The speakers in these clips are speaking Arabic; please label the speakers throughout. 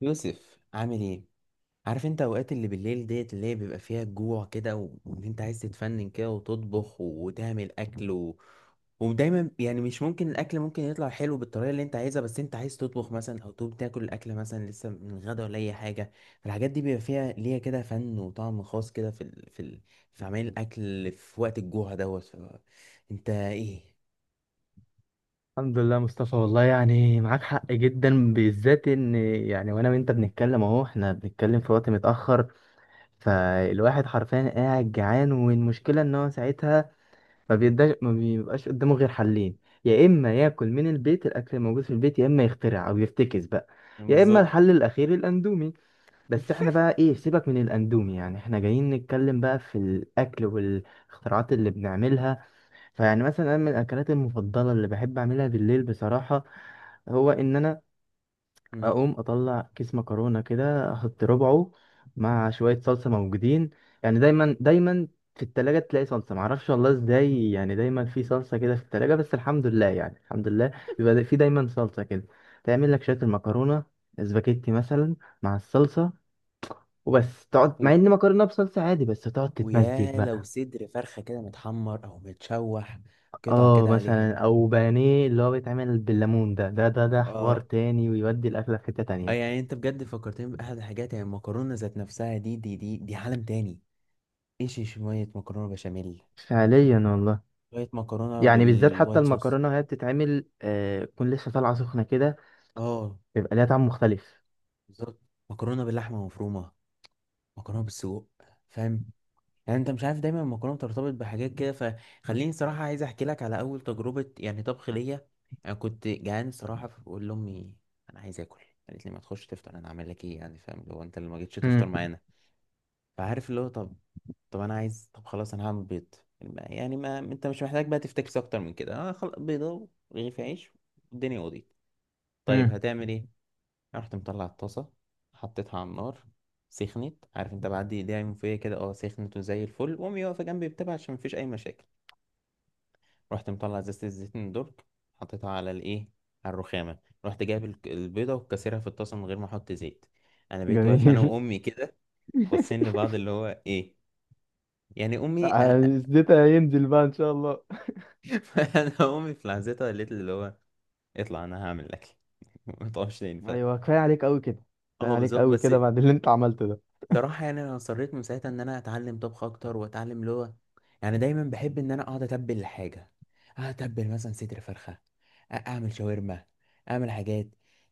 Speaker 1: يوسف، عامل ايه؟ عارف انت اوقات اللي بالليل ديت اللي هي بيبقى فيها الجوع كده وان انت عايز تتفنن كده وتطبخ وتعمل اكل ودايما يعني مش ممكن الاكل ممكن يطلع حلو بالطريقه اللي انت عايزها، بس انت عايز تطبخ مثلا او تقوم تاكل الاكل مثلا لسه من غدا ولا اي حاجه. فالحاجات دي بيبقى فيها ليها كده فن وطعم خاص كده، في في عمل الاكل في وقت الجوع دوت انت ايه؟
Speaker 2: الحمد لله مصطفى، والله يعني معاك حق جدا، بالذات ان يعني وانا وانت بنتكلم اهو. احنا بنتكلم في وقت متأخر، فالواحد حرفيا قاعد جعان. والمشكلة ان هو ساعتها ما بيبقاش قدامه غير حلين: يا اما ياكل من البيت الاكل الموجود في البيت، يا اما يخترع او يفتكس بقى، يا اما
Speaker 1: بالظبط.
Speaker 2: الحل الاخير الاندومي. بس احنا بقى ايه، سيبك من الاندومي، يعني احنا جايين نتكلم بقى في الاكل والاختراعات اللي بنعملها. فيعني مثلا انا من الاكلات المفضله اللي بحب اعملها بالليل بصراحه، هو ان انا اقوم اطلع كيس مكرونه كده، احط ربعه مع شويه صلصه موجودين. يعني دايما دايما في التلاجة تلاقي صلصة، معرفش والله ازاي، يعني دايما في صلصة كده في التلاجة، بس الحمد لله يعني الحمد لله بيبقى في دايما صلصة كده. تعمل لك شوية المكرونة، سباكيتي مثلا، مع الصلصة، وبس تقعد، مع
Speaker 1: مم.
Speaker 2: ان مكرونة بصلصة عادي، بس تقعد تتمزج
Speaker 1: ويا لو
Speaker 2: بقى.
Speaker 1: صدر فرخة كده متحمر أو متشوح، قطع
Speaker 2: اه
Speaker 1: كده عليها.
Speaker 2: مثلا، او بانيه اللي هو بيتعمل بالليمون، ده ده ده ده حوار
Speaker 1: اه،
Speaker 2: تاني ويودي الاكله في حته
Speaker 1: آه،
Speaker 2: تانية.
Speaker 1: يعني انت بجد فكرتني بأحد الحاجات، يعني المكرونة ذات نفسها دي عالم تاني. ايش، شوية مكرونة بشاميل،
Speaker 2: فعليا والله.
Speaker 1: شوية مكرونة
Speaker 2: يعني بالذات حتى
Speaker 1: بالوايت صوص.
Speaker 2: المكرونه وهي بتتعمل تكون لسه طالعه سخنه كده،
Speaker 1: اه،
Speaker 2: بيبقى ليها طعم مختلف.
Speaker 1: بالظبط. مكرونة باللحمة المفرومة، مكرونة بالسجق. فاهم؟ يعني انت مش عارف، دايما المكرونه بترتبط بحاجات كده. فخليني صراحه عايز احكي لك على اول تجربه يعني طبخ ليا. انا كنت جعان صراحه فبقول لامي: انا عايز اكل. قالت لي: ما تخش تفطر، انا عامل لك ايه؟ يعني فاهم اللي هو انت اللي ما جيتش تفطر
Speaker 2: امم
Speaker 1: معانا. فعارف اللي هو، طب طب انا عايز، طب خلاص انا هعمل بيض. يعني ما انت مش محتاج بقى تفتكس اكتر من كده، اه خلاص، بيضه ورغيف عيش، والدنيا قضيت. طيب
Speaker 2: امم
Speaker 1: هتعمل ايه؟ رحت مطلع الطاسة، حطيتها على النار، سخنت. عارف انت بعد ايديها يوم فيا كده، اه سخنت وزي الفل، وامي واقفة جنبي بتابع عشان مفيش اي مشاكل. رحت مطلع ازازة الزيتون درج، حطيتها على الايه، على الرخامة. رحت جايب البيضة وكسرها في الطاسة من غير ما احط زيت. انا بقيت واقف انا
Speaker 2: جميل.
Speaker 1: وامي كده، باصين لبعض اللي هو ايه، يعني امي انا.
Speaker 2: زيتها هينزل بقى ان شاء الله.
Speaker 1: انا امي في لحظتها قالت لي اللي هو: اطلع، انا هعمل الاكل. ما تقفش تاني. ف
Speaker 2: ايوه، كفايه عليك قوي كده، كفايه
Speaker 1: اه
Speaker 2: عليك
Speaker 1: بالظبط.
Speaker 2: قوي
Speaker 1: بس
Speaker 2: كده بعد اللي انت عملته
Speaker 1: صراحة يعني أنا اصريت من ساعتها إن أنا أتعلم طبخ أكتر وأتعلم لغة. يعني دايما بحب إن أنا أقعد أتبل الحاجة، أتبل مثلا صدر فرخة، أعمل شاورما، أعمل حاجات.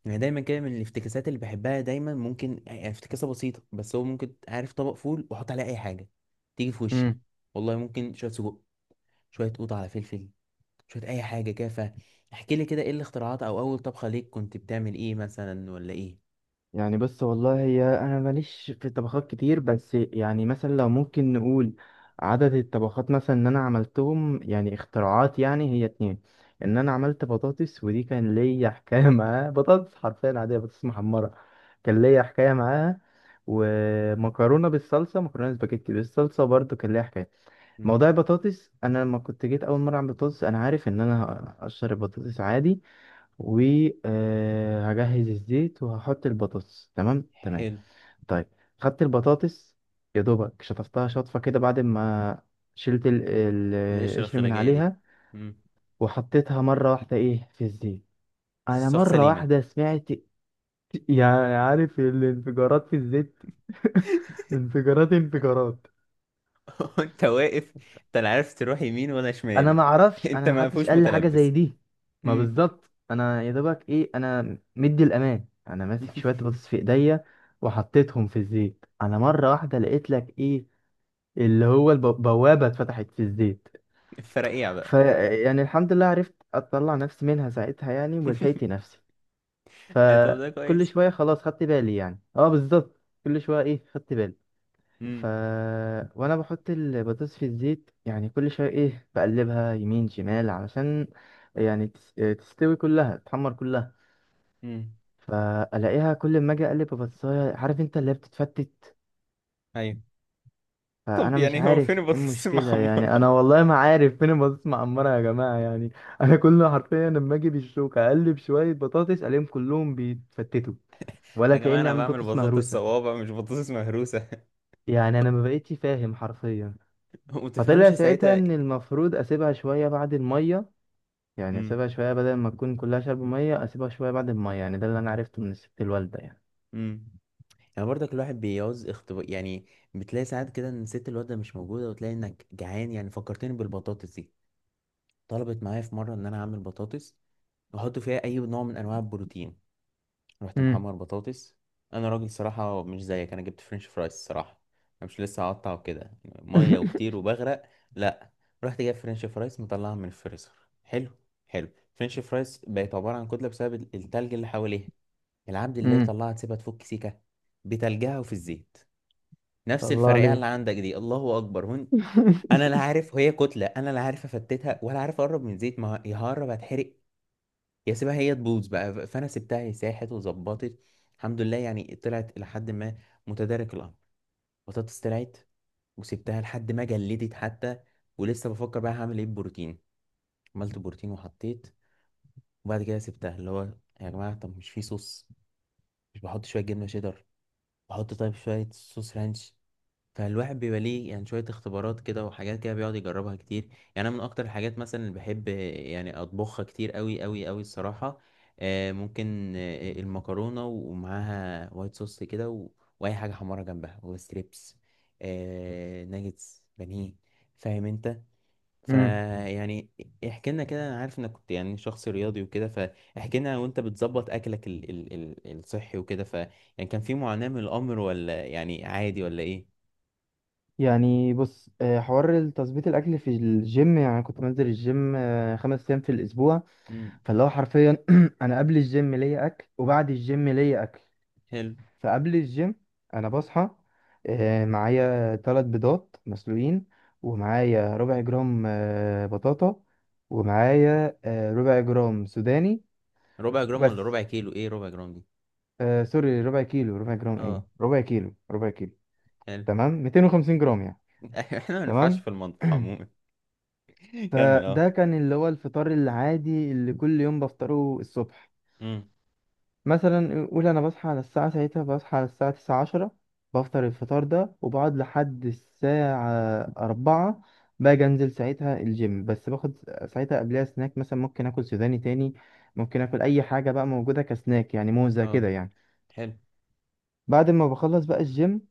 Speaker 1: يعني دايما كده من الافتكاسات اللي بحبها، دايما ممكن يعني افتكاسة بسيطة، بس هو ممكن، عارف، طبق فول وأحط عليه أي حاجة تيجي في وشي.
Speaker 2: ده.
Speaker 1: والله ممكن شوية سجق، شوية قوطة على فلفل، شوية أي حاجة كده. فاحكي لي كده إيه الاختراعات أو أول طبخة ليك كنت بتعمل إيه مثلا، ولا إيه؟
Speaker 2: يعني بص والله، هي انا ماليش في الطبخات كتير، بس يعني مثلا لو ممكن نقول عدد الطبخات مثلا ان انا عملتهم يعني اختراعات، يعني هي 2: ان انا عملت بطاطس، ودي كان ليا حكاية معاها، بطاطس حرفيا عادية، بطاطس محمرة، كان ليا حكاية معاها، ومكرونة بالصلصة، مكرونة سباجيتي بالصلصة برضو كان ليا حكاية.
Speaker 1: مم.
Speaker 2: موضوع البطاطس، انا لما كنت جيت اول مرة اعمل بطاطس، انا عارف ان انا هقشر البطاطس عادي، وهجهز الزيت، وهحط البطاطس، تمام تمام.
Speaker 1: حلو.
Speaker 2: طيب، خدت البطاطس، يا دوبك شطفتها شطفة كده، بعد ما شلت
Speaker 1: ليش
Speaker 2: القشر من
Speaker 1: الخرجية دي؟
Speaker 2: عليها،
Speaker 1: مم.
Speaker 2: وحطيتها مرة واحدة ايه في الزيت. انا
Speaker 1: السوق
Speaker 2: مرة
Speaker 1: سليمة.
Speaker 2: واحدة سمعت، يعني عارف الانفجارات في الزيت. انفجارات، انفجارات.
Speaker 1: انت واقف، انت لا عارف تروح يمين ولا
Speaker 2: انا
Speaker 1: شمال.
Speaker 2: ما اعرفش،
Speaker 1: انت
Speaker 2: انا ما
Speaker 1: ما
Speaker 2: حدش
Speaker 1: فيهوش
Speaker 2: قال لي حاجه زي
Speaker 1: متلبس.
Speaker 2: دي. ما
Speaker 1: مم.
Speaker 2: بالظبط، انا يا دوبك ايه، انا مدي الامان انا ماسك شويه بطاطس في ايديا، وحطيتهم في الزيت، انا مره واحده لقيت لك ايه، اللي هو البوابه اتفتحت في الزيت.
Speaker 1: فرقيع
Speaker 2: ف
Speaker 1: بقى.
Speaker 2: يعني الحمد لله عرفت اطلع نفسي منها ساعتها يعني، ولحقت نفسي.
Speaker 1: إيه طب ده
Speaker 2: فكل
Speaker 1: كويس.
Speaker 2: شويه خلاص خدت بالي، يعني اه بالظبط كل شويه ايه خدت بالي. ف
Speaker 1: مم.
Speaker 2: وانا بحط البطاطس في الزيت، يعني كل شويه ايه بقلبها يمين شمال علشان يعني تستوي كلها، تحمر كلها.
Speaker 1: مم.
Speaker 2: فالاقيها كل ما اجي اقلب ببصايه، عارف انت اللي هي بتتفتت.
Speaker 1: ايوه. طب
Speaker 2: فانا مش
Speaker 1: يعني هو فين
Speaker 2: عارف ايه
Speaker 1: البطاطس
Speaker 2: المشكله
Speaker 1: المحمرة؟
Speaker 2: يعني، انا والله ما عارف فين البطاطس معمره يا جماعه يعني. انا كل حرفيا لما اجي بالشوكه اقلب شويه بطاطس، الاقيهم كلهم بيتفتتوا، ولا
Speaker 1: يا جماعة،
Speaker 2: كاني
Speaker 1: انا
Speaker 2: عم
Speaker 1: بعمل
Speaker 2: بطاطس
Speaker 1: بطاطس
Speaker 2: مهروسه.
Speaker 1: صوابع، مش بطاطس مهروسة.
Speaker 2: يعني انا ما بقيتش فاهم حرفيا. فطلع
Speaker 1: ومتفهمش
Speaker 2: ساعتها
Speaker 1: ساعتها.
Speaker 2: ان المفروض اسيبها شويه بعد الميه، يعني
Speaker 1: مم.
Speaker 2: اسيبها شويه بدل ما تكون كلها شرب ميه، اسيبها شويه بعد الميه، يعني ده اللي انا عرفته من الست الوالده يعني.
Speaker 1: مم. يعني برضك الواحد بيعوز اختبار يعني. بتلاقي ساعات كده ان ست الواد ده مش موجودة، وتلاقي انك جعان. يعني فكرتني بالبطاطس دي، طلبت معايا في مرة ان انا اعمل بطاطس واحط فيها اي نوع من انواع البروتين. رحت
Speaker 2: امم
Speaker 1: محمر بطاطس. انا راجل صراحه مش زيك، انا جبت فرنش فرايز الصراحه. انا مش لسه هقطع وكده ميه وكتير وبغرق، لا. رحت جايب فرنش فرايز، مطلعها من الفريزر. حلو، حلو. فرنش فرايز بقت عباره عن كتله بسبب التلج اللي حواليها. العبد الله
Speaker 2: امم
Speaker 1: يطلعها تسيبها تفك سيكه، بتلجها وفي الزيت. نفس
Speaker 2: الله
Speaker 1: الفرقعه اللي
Speaker 2: عليك.
Speaker 1: عندك دي، الله اكبر هون. انا لا عارف هي كتله، انا لا عارف افتتها ولا عارف اقرب من زيت، ما هي هقرب هتحرق. يا سيبها هي تبوظ بقى، فانا سبتها، هي ساحت وظبطت. الحمد لله يعني، طلعت الى حد ما متدارك الامر. بطاطس طلعت، وسبتها لحد ما جلدت حتى. ولسه بفكر بقى هعمل ايه بروتين. عملت بروتين وحطيت. وبعد كده سبتها، اللي هو يا جماعه، طب مش في صوص؟ مش بحط شويه جبنه شيدر؟ بحط طيب شويه صوص رانش. فالواحد بيبقى ليه يعني شوية اختبارات كده وحاجات كده بيقعد يجربها كتير. يعني أنا من أكتر الحاجات مثلا اللي بحب يعني أطبخها كتير أوي أوي أوي الصراحة، ممكن المكرونة ومعاها وايت صوص كده وأي حاجة حمارة جنبها وستريبس، ناجتس بانيه. فاهم أنت؟
Speaker 2: امم.
Speaker 1: فيعني احكي لنا كده، أنا عارف إنك كنت يعني شخص رياضي وكده، فاحكي لنا وأنت بتظبط أكلك الصحي وكده. ف يعني كان في معاناة من الأمر ولا يعني عادي، ولا إيه؟
Speaker 2: يعني بص، حوار تظبيط الاكل في الجيم، يعني كنت بنزل الجيم 5 ايام في الاسبوع.
Speaker 1: مم.
Speaker 2: فاللي هو حرفيا انا قبل الجيم ليا اكل وبعد الجيم ليا اكل.
Speaker 1: حلو.
Speaker 2: فقبل الجيم انا بصحى معايا 3 بيضات مسلوقين، ومعايا ربع جرام بطاطا، ومعايا ربع جرام سوداني،
Speaker 1: ربع جرام ولا
Speaker 2: وبس.
Speaker 1: ربع كيلو؟ ايه ربع جرام دي؟
Speaker 2: سوري، ربع كيلو، ربع جرام
Speaker 1: اه،
Speaker 2: ايه، ربع كيلو، ربع كيلو.
Speaker 1: حلو.
Speaker 2: تمام، 250 جرام يعني.
Speaker 1: احنا ما ينفعش
Speaker 2: تمام
Speaker 1: في المطبخ عموما. كمل، اه.
Speaker 2: فده كان اللي هو الفطار العادي اللي كل يوم بفطره الصبح.
Speaker 1: امم.
Speaker 2: مثلا قول انا بصحى على الساعه، ساعتها بصحى على الساعه 9:10، بفطر الفطار ده وبقعد لحد الساعه 4. باجي انزل ساعتها الجيم، بس باخد ساعتها قبلها سناك، مثلا ممكن اكل سوداني تاني، ممكن اكل اي حاجه بقى موجوده كسناك، يعني موزه
Speaker 1: اه،
Speaker 2: كده يعني.
Speaker 1: حلو.
Speaker 2: بعد ما بخلص بقى الجيم،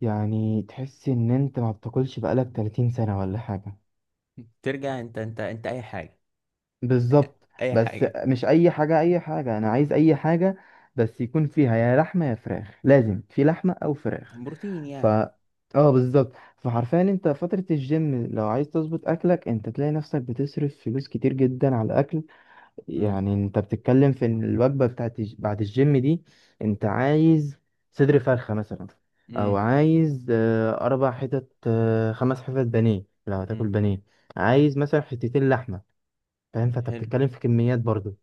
Speaker 2: يعني تحس ان انت ما بتاكلش بقالك 30 سنه ولا حاجه.
Speaker 1: ترجع انت، اي حاجه،
Speaker 2: بالظبط،
Speaker 1: اي
Speaker 2: بس
Speaker 1: حاجه.
Speaker 2: مش اي حاجه، اي حاجه انا عايز اي حاجه، بس يكون فيها يا لحمه يا فراخ، لازم في لحمه او فراخ.
Speaker 1: بروتين
Speaker 2: ف
Speaker 1: يعني.
Speaker 2: اه بالظبط. فحرفيا انت فتره الجيم لو عايز تظبط اكلك، انت تلاقي نفسك بتصرف فلوس كتير جدا على الاكل.
Speaker 1: امم.
Speaker 2: يعني انت بتتكلم في ان الوجبه بتاعت بعد الجيم دي، انت عايز صدر فرخه مثلا، او
Speaker 1: امم.
Speaker 2: عايز 4 حتت، 5 حتت بانيه لو هتاكل
Speaker 1: امم.
Speaker 2: بانيه، عايز مثلا حتتين لحمه، فاهم. فانت
Speaker 1: حلو.
Speaker 2: بتتكلم في كميات برضو.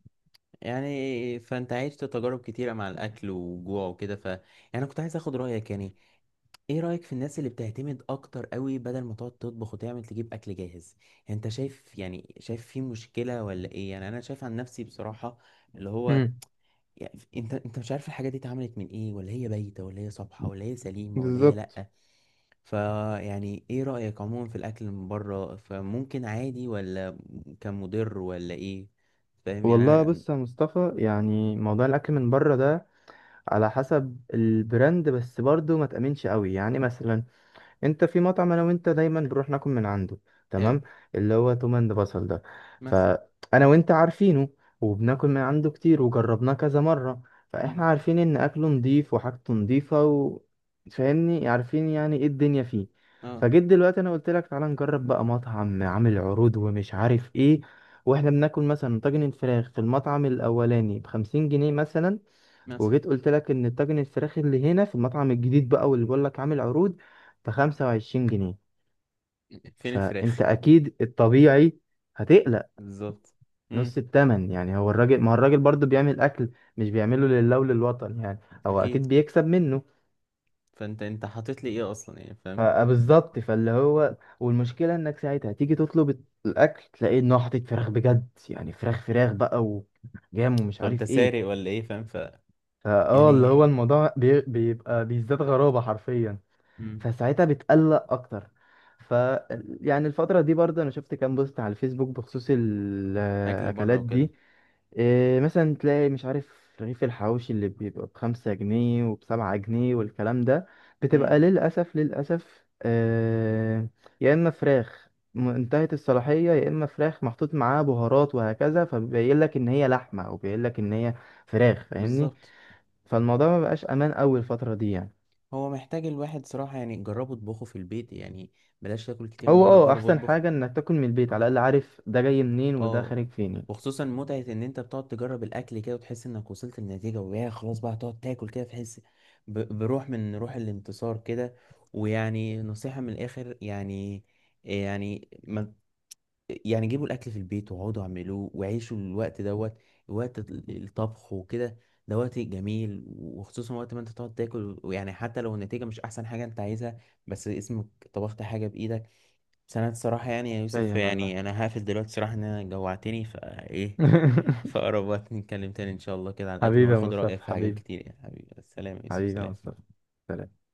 Speaker 1: يعني فانت عشت تجارب كتيره مع الاكل وجوع وكده. ف يعني كنت عايز اخد رايك يعني. ايه رايك في الناس اللي بتعتمد اكتر قوي بدل ما تقعد تطبخ، وتعمل تجيب اكل جاهز؟ يعني انت شايف، يعني شايف في مشكله ولا ايه؟ يعني انا شايف عن نفسي بصراحه، اللي هو
Speaker 2: امم،
Speaker 1: يعني انت انت مش عارف الحاجه دي اتعملت من ايه، ولا هي بايته، ولا هي صبحه، ولا هي سليمه، ولا هي
Speaker 2: بالظبط.
Speaker 1: لا. فيعني ايه رايك عموما في الاكل من بره؟ فممكن عادي، ولا كان مضر، ولا ايه؟ فاهم يعني
Speaker 2: والله
Speaker 1: انا.
Speaker 2: بص يا مصطفى، يعني موضوع الاكل من بره ده على حسب البراند، بس برضو ما تأمنش قوي. يعني مثلا انت في مطعم انا وانت دايما بنروح ناكل من عنده،
Speaker 1: حلو.
Speaker 2: تمام، اللي هو توم اند بصل ده،
Speaker 1: مثلا.
Speaker 2: فانا وانت عارفينه، وبناكل من عنده كتير، وجربناه كذا مرة. فاحنا
Speaker 1: مم.
Speaker 2: عارفين ان اكله نضيف وحاجته نضيفة و... فاهمني، عارفين يعني ايه الدنيا فيه.
Speaker 1: اه.
Speaker 2: فجيت دلوقتي انا قلت لك تعالى نجرب بقى مطعم عامل عروض ومش عارف ايه، واحنا بناكل مثلا طاجن الفراخ في المطعم الاولاني بخمسين جنيه مثلا،
Speaker 1: مثلا.
Speaker 2: وجيت قلت لك ان طاجن الفراخ اللي هنا في المطعم الجديد بقى، واللي بقول لك عامل عروض بخمسة وعشرين جنيه.
Speaker 1: فين
Speaker 2: فانت
Speaker 1: الفراخ؟
Speaker 2: اكيد الطبيعي هتقلق.
Speaker 1: بالظبط. امم.
Speaker 2: نص التمن يعني، هو الراجل ما هو الراجل برضه بيعمل اكل، مش بيعمله لله وللوطن يعني، هو
Speaker 1: اكيد.
Speaker 2: اكيد بيكسب منه.
Speaker 1: فانت، انت حاطط لي ايه اصلا؟ يعني فاهم.
Speaker 2: بالظبط، فاللي هو والمشكله انك ساعتها تيجي تطلب الاكل تلاقيه انه حاطط فراخ بجد يعني، فراخ فراخ بقى، وجام، ومش
Speaker 1: طب انت
Speaker 2: عارف ايه.
Speaker 1: سارق ولا ايه؟ فاهم. ف
Speaker 2: فاه اللي
Speaker 1: يعني.
Speaker 2: هو الموضوع بيبقى بيزداد غرابه حرفيا.
Speaker 1: امم.
Speaker 2: فساعتها بتقلق اكتر. ف يعني الفترة دي برضه انا شفت كام بوست على الفيسبوك بخصوص
Speaker 1: اكل بره
Speaker 2: الاكلات
Speaker 1: وكده.
Speaker 2: دي. إيه مثلا، تلاقي مش عارف رغيف الحواوشي اللي بيبقى بخمسة جنيه وبسبعة جنيه والكلام ده، بتبقى
Speaker 1: امم.
Speaker 2: للأسف للأسف آه، يا إما فراخ انتهت الصلاحية، يا إما فراخ محطوط معاها بهارات وهكذا، فبيبين لك إن هي لحمة، أو بيبين لك إن هي فراخ، فاهمني.
Speaker 1: بالظبط.
Speaker 2: فالموضوع ما بقاش أمان أوي الفترة دي يعني.
Speaker 1: هو محتاج الواحد صراحة، يعني جربوا اطبخوا في البيت يعني. بلاش تاكل كتير من
Speaker 2: هو
Speaker 1: بره،
Speaker 2: اه
Speaker 1: جرب
Speaker 2: احسن
Speaker 1: اطبخ.
Speaker 2: حاجة انك تاكل من البيت على الاقل، عارف ده جاي منين وده
Speaker 1: اه.
Speaker 2: خارج فين يعني.
Speaker 1: وخصوصا متعة ان انت بتقعد تجرب الاكل كده، وتحس انك وصلت للنتيجة. ويا خلاص بقى تقعد تاكل كده، تحس بروح من روح الانتصار كده. ويعني نصيحة من الاخر يعني، يعني ما يعني جيبوا الاكل في البيت واقعدوا اعملوه وعيشوا الوقت دوت، وقت الطبخ وكده. ده وقت جميل، وخصوصا وقت ما انت تقعد تاكل. ويعني حتى لو النتيجه مش احسن حاجه انت عايزها، بس اسمك طبخت حاجه بايدك. بس انا الصراحه يعني يا يوسف،
Speaker 2: باين والله.
Speaker 1: يعني انا هقفل دلوقتي صراحه ان انا جوعتني فايه. فأقرب وقت نتكلم تاني إن شاء الله كده على الأكل،
Speaker 2: حبيبي يا
Speaker 1: وآخد رأيك
Speaker 2: مصطفى
Speaker 1: في حاجات
Speaker 2: حبيبي،
Speaker 1: كتير. يا حبيبي السلام يا يوسف،
Speaker 2: حبيبي يا
Speaker 1: سلام.
Speaker 2: مصطفى، سلام.